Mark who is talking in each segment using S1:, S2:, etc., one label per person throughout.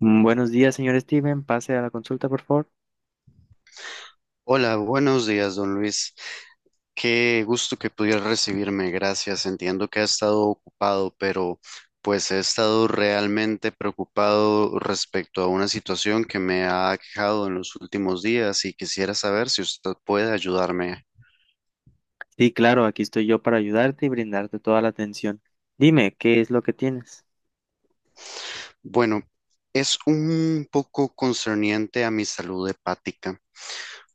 S1: Buenos días, señor Steven. Pase a la consulta, por favor.
S2: Hola, buenos días, don Luis. Qué gusto que pudieras recibirme, gracias. Entiendo que ha estado ocupado, pero pues he estado realmente preocupado respecto a una situación que me ha aquejado en los últimos días y quisiera saber si usted puede ayudarme.
S1: Sí, claro, aquí estoy yo para ayudarte y brindarte toda la atención. Dime, ¿qué es lo que tienes?
S2: Bueno, es un poco concerniente a mi salud hepática.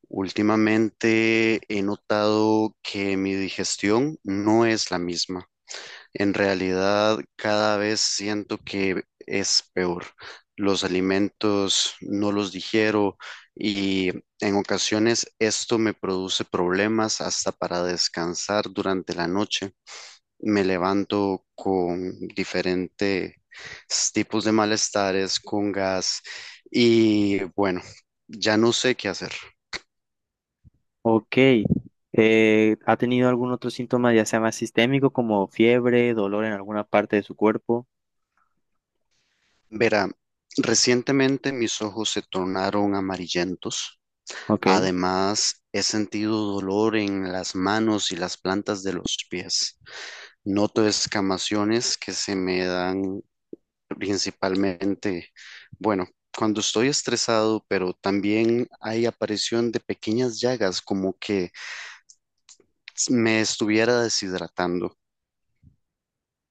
S2: Últimamente he notado que mi digestión no es la misma. En realidad, cada vez siento que es peor. Los alimentos no los digiero y en ocasiones esto me produce problemas hasta para descansar durante la noche. Me levanto con diferentes tipos de malestares, con gas y bueno, ya no sé qué hacer.
S1: Ok. ¿Ha tenido algún otro síntoma, ya sea más sistémico, como fiebre, dolor en alguna parte de su cuerpo?
S2: Verá, recientemente mis ojos se tornaron amarillentos.
S1: Ok.
S2: Además, he sentido dolor en las manos y las plantas de los pies. Noto escamaciones que se me dan principalmente, bueno, cuando estoy estresado, pero también hay aparición de pequeñas llagas como que me estuviera deshidratando.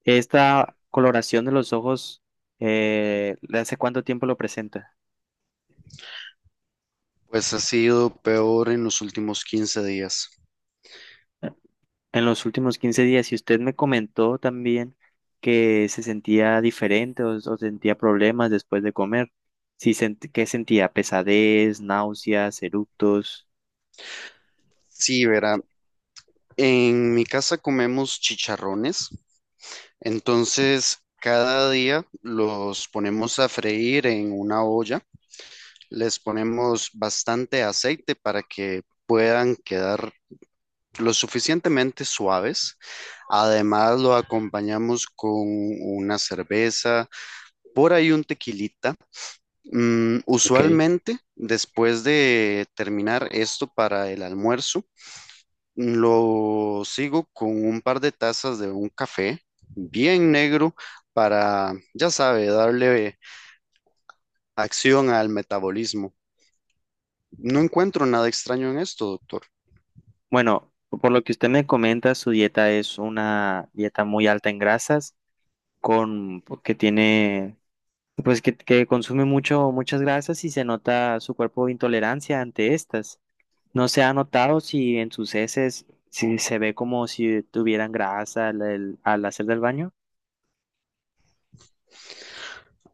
S1: ¿Esta coloración de los ojos, hace cuánto tiempo lo presenta?
S2: Pues ha sido peor en los últimos 15 días.
S1: En los últimos 15 días. Y usted me comentó también que se sentía diferente o sentía problemas después de comer. Sí, ¿qué sentía? Pesadez, náuseas, eructos.
S2: Sí, verá, en mi casa comemos chicharrones. Entonces, cada día los ponemos a freír en una olla, les ponemos bastante aceite para que puedan quedar lo suficientemente suaves. Además, lo acompañamos con una cerveza, por ahí un tequilita.
S1: Ok.
S2: Usualmente, después de terminar esto para el almuerzo, lo sigo con un par de tazas de un café bien negro para, ya sabe, darle acción al metabolismo. No encuentro nada extraño en esto, doctor.
S1: Bueno, por lo que usted me comenta, su dieta es una dieta muy alta en grasas, con pues, que tiene, pues que consume muchas grasas y se nota su cuerpo intolerancia ante estas. No se ha notado si en sus heces si se ve como si tuvieran grasa al hacer del baño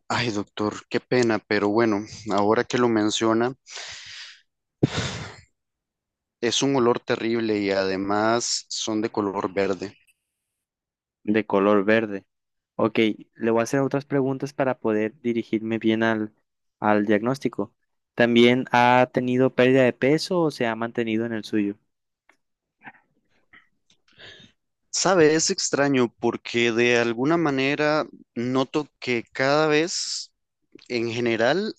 S2: Ay, doctor, qué pena, pero bueno, ahora que lo menciona, es un olor terrible y además son de color verde.
S1: de color verde. Ok, le voy a hacer otras preguntas para poder dirigirme bien al diagnóstico. ¿También ha tenido pérdida de peso o se ha mantenido en el suyo?
S2: Sabe, es extraño porque de alguna manera noto que cada vez, en general,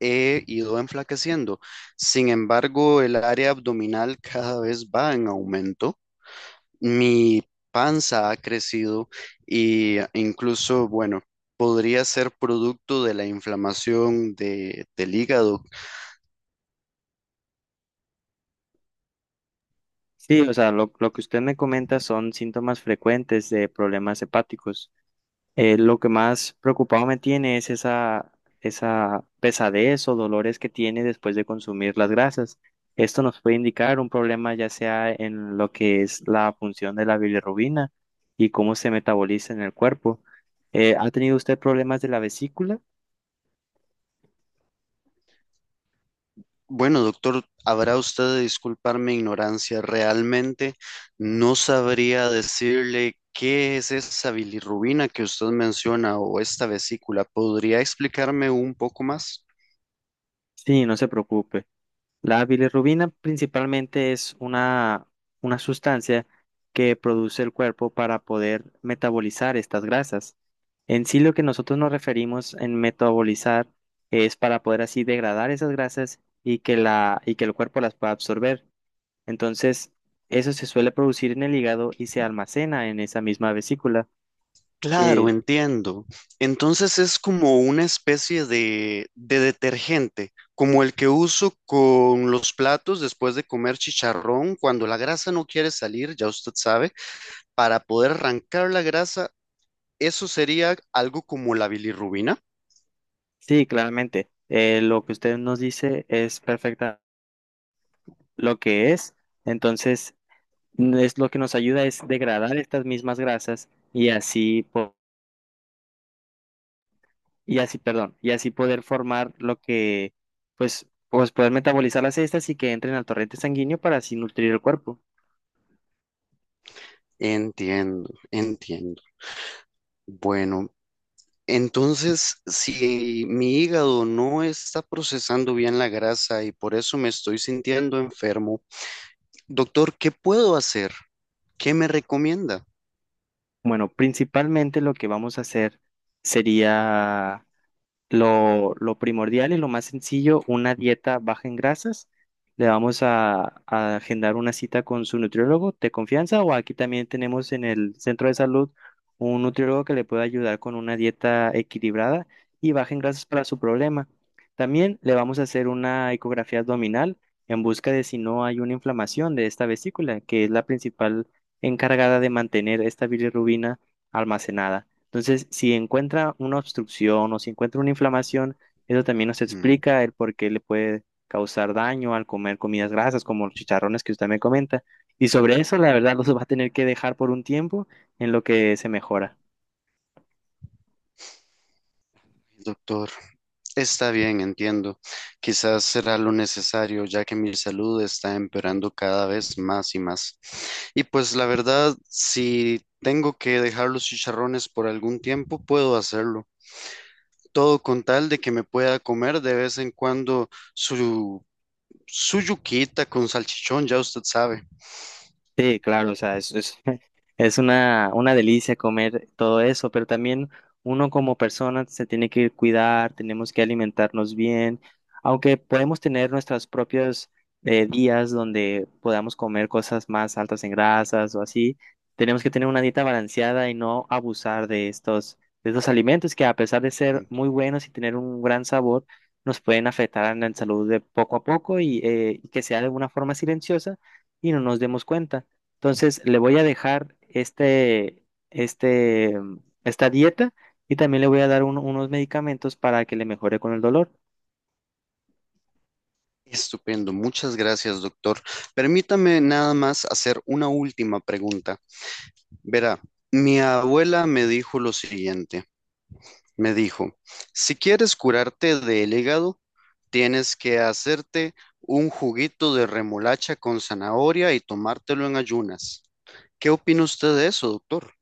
S2: he ido enflaqueciendo. Sin embargo, el área abdominal cada vez va en aumento. Mi panza ha crecido y incluso, bueno, podría ser producto de la inflamación del hígado.
S1: Sí, o sea, lo que usted me comenta son síntomas frecuentes de problemas hepáticos. Lo que más preocupado me tiene es esa pesadez o dolores que tiene después de consumir las grasas. Esto nos puede indicar un problema ya sea en lo que es la función de la bilirrubina y cómo se metaboliza en el cuerpo. ¿Ha tenido usted problemas de la vesícula?
S2: Bueno, doctor, habrá usted de disculpar mi ignorancia. Realmente no sabría decirle qué es esa bilirrubina que usted menciona o esta vesícula. ¿Podría explicarme un poco más?
S1: Sí, no se preocupe. La bilirrubina principalmente es una sustancia que produce el cuerpo para poder metabolizar estas grasas. En sí, lo que nosotros nos referimos en metabolizar es para poder así degradar esas grasas y y que el cuerpo las pueda absorber. Entonces, eso se suele producir en el hígado y se almacena en esa misma vesícula.
S2: Claro,
S1: Eh,
S2: entiendo. Entonces es como una especie de detergente, como el que uso con los platos después de comer chicharrón, cuando la grasa no quiere salir, ya usted sabe, para poder arrancar la grasa, eso sería algo como la bilirrubina.
S1: sí, claramente. Lo que usted nos dice es perfecto lo que es. Entonces, es lo que nos ayuda es degradar estas mismas grasas y así poder formar lo que, pues poder metabolizar las estas y que entren al torrente sanguíneo para así nutrir el cuerpo.
S2: Entiendo, entiendo. Bueno, entonces si mi hígado no está procesando bien la grasa y por eso me estoy sintiendo enfermo, doctor, ¿qué puedo hacer? ¿Qué me recomienda?
S1: Bueno, principalmente lo que vamos a hacer sería lo primordial y lo más sencillo, una dieta baja en grasas. Le vamos a agendar una cita con su nutriólogo de confianza o aquí también tenemos en el centro de salud un nutriólogo que le puede ayudar con una dieta equilibrada y baja en grasas para su problema. También le vamos a hacer una ecografía abdominal en busca de si no hay una inflamación de esta vesícula, que es la principal encargada de mantener esta bilirrubina almacenada. Entonces, si encuentra una obstrucción o si encuentra una inflamación, eso también nos
S2: Mm.
S1: explica el por qué le puede causar daño al comer comidas grasas, como los chicharrones que usted me comenta. Y sobre eso, la verdad, los va a tener que dejar por un tiempo en lo que se mejora.
S2: Doctor, está bien, entiendo. Quizás será lo necesario, ya que mi salud está empeorando cada vez más y más. Y pues la verdad, si tengo que dejar los chicharrones por algún tiempo, puedo hacerlo. Todo con tal de que me pueda comer de vez en cuando su, su yuquita con salchichón, ya usted sabe.
S1: Sí, claro, o sea, es Es una delicia comer todo eso, pero también uno como persona se tiene que cuidar, tenemos que alimentarnos bien, aunque podemos tener nuestros propios días donde podamos comer cosas más altas en grasas o así, tenemos que tener una dieta balanceada y no abusar de de estos alimentos que a pesar de ser muy buenos y tener un gran sabor, nos pueden afectar en la salud de poco a poco y que sea de una forma silenciosa y no nos demos cuenta. Entonces, le voy a dejar esta dieta y también le voy a dar unos medicamentos para que le mejore con el dolor.
S2: Estupendo, muchas gracias, doctor. Permítame nada más hacer una última pregunta. Verá, mi abuela me dijo lo siguiente, me dijo, si quieres curarte del hígado, tienes que hacerte un juguito de remolacha con zanahoria y tomártelo en ayunas. ¿Qué opina usted de eso, doctor?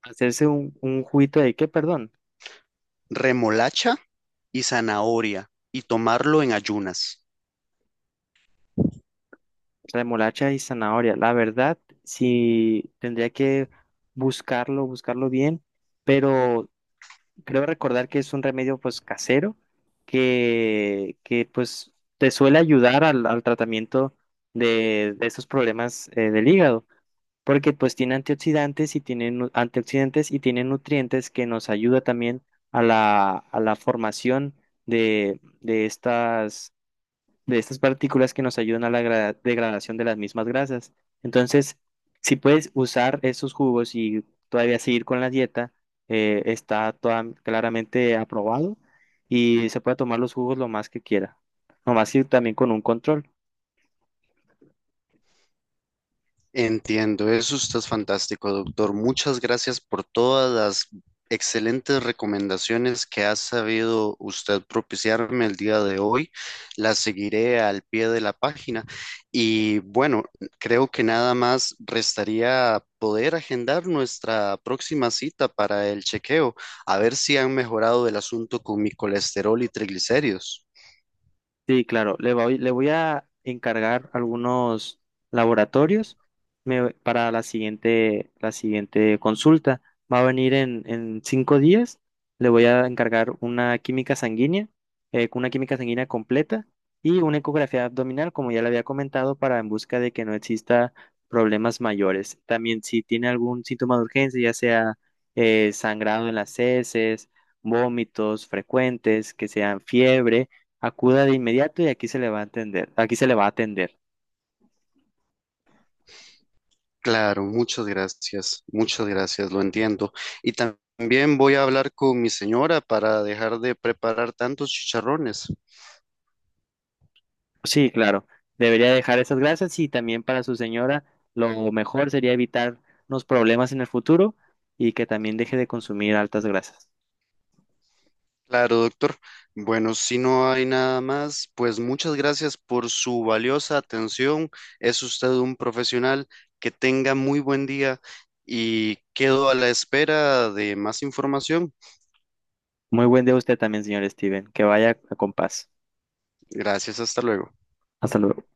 S1: Hacerse un juguito de qué, perdón,
S2: Remolacha y zanahoria y tomarlo en ayunas.
S1: remolacha y zanahoria. La verdad, sí tendría que buscarlo bien, pero creo recordar que es un remedio pues casero que pues te suele ayudar al tratamiento de estos problemas del hígado. Porque pues tiene antioxidantes y tiene nutrientes que nos ayuda también a a la formación de, de estas, de estas partículas que nos ayudan a la degradación de las mismas grasas. Entonces, si puedes usar esos jugos y todavía seguir con la dieta, está claramente aprobado y se puede tomar los jugos lo más que quiera, lo más que también con un control.
S2: Entiendo, eso usted es fantástico, doctor. Muchas gracias por todas las excelentes recomendaciones que ha sabido usted propiciarme el día de hoy. Las seguiré al pie de la página. Y bueno, creo que nada más restaría poder agendar nuestra próxima cita para el chequeo, a ver si han mejorado el asunto con mi colesterol y triglicéridos.
S1: Sí, claro, le voy a encargar algunos laboratorios para la la siguiente consulta. Va a venir en 5 días. Le voy a encargar una química sanguínea, una química sanguínea completa y una ecografía abdominal, como ya le había comentado, para en busca de que no exista problemas mayores. También si tiene algún síntoma de urgencia, ya sea sangrado en las heces, vómitos frecuentes, que sean fiebre. Acuda de inmediato y aquí se le va a atender. Aquí se le va a atender.
S2: Claro, muchas gracias, lo entiendo. Y tam- también voy a hablar con mi señora para dejar de preparar tantos chicharrones.
S1: Sí, claro. Debería dejar esas gracias y también para su señora lo mejor sería evitar unos problemas en el futuro y que también deje de consumir altas grasas.
S2: Claro, doctor. Bueno, si no hay nada más, pues muchas gracias por su valiosa atención. Es usted un profesional. Que tenga muy buen día y quedo a la espera de más información.
S1: Muy buen día a usted también, señor Steven. Que vaya con paz.
S2: Gracias, hasta luego.
S1: Hasta luego.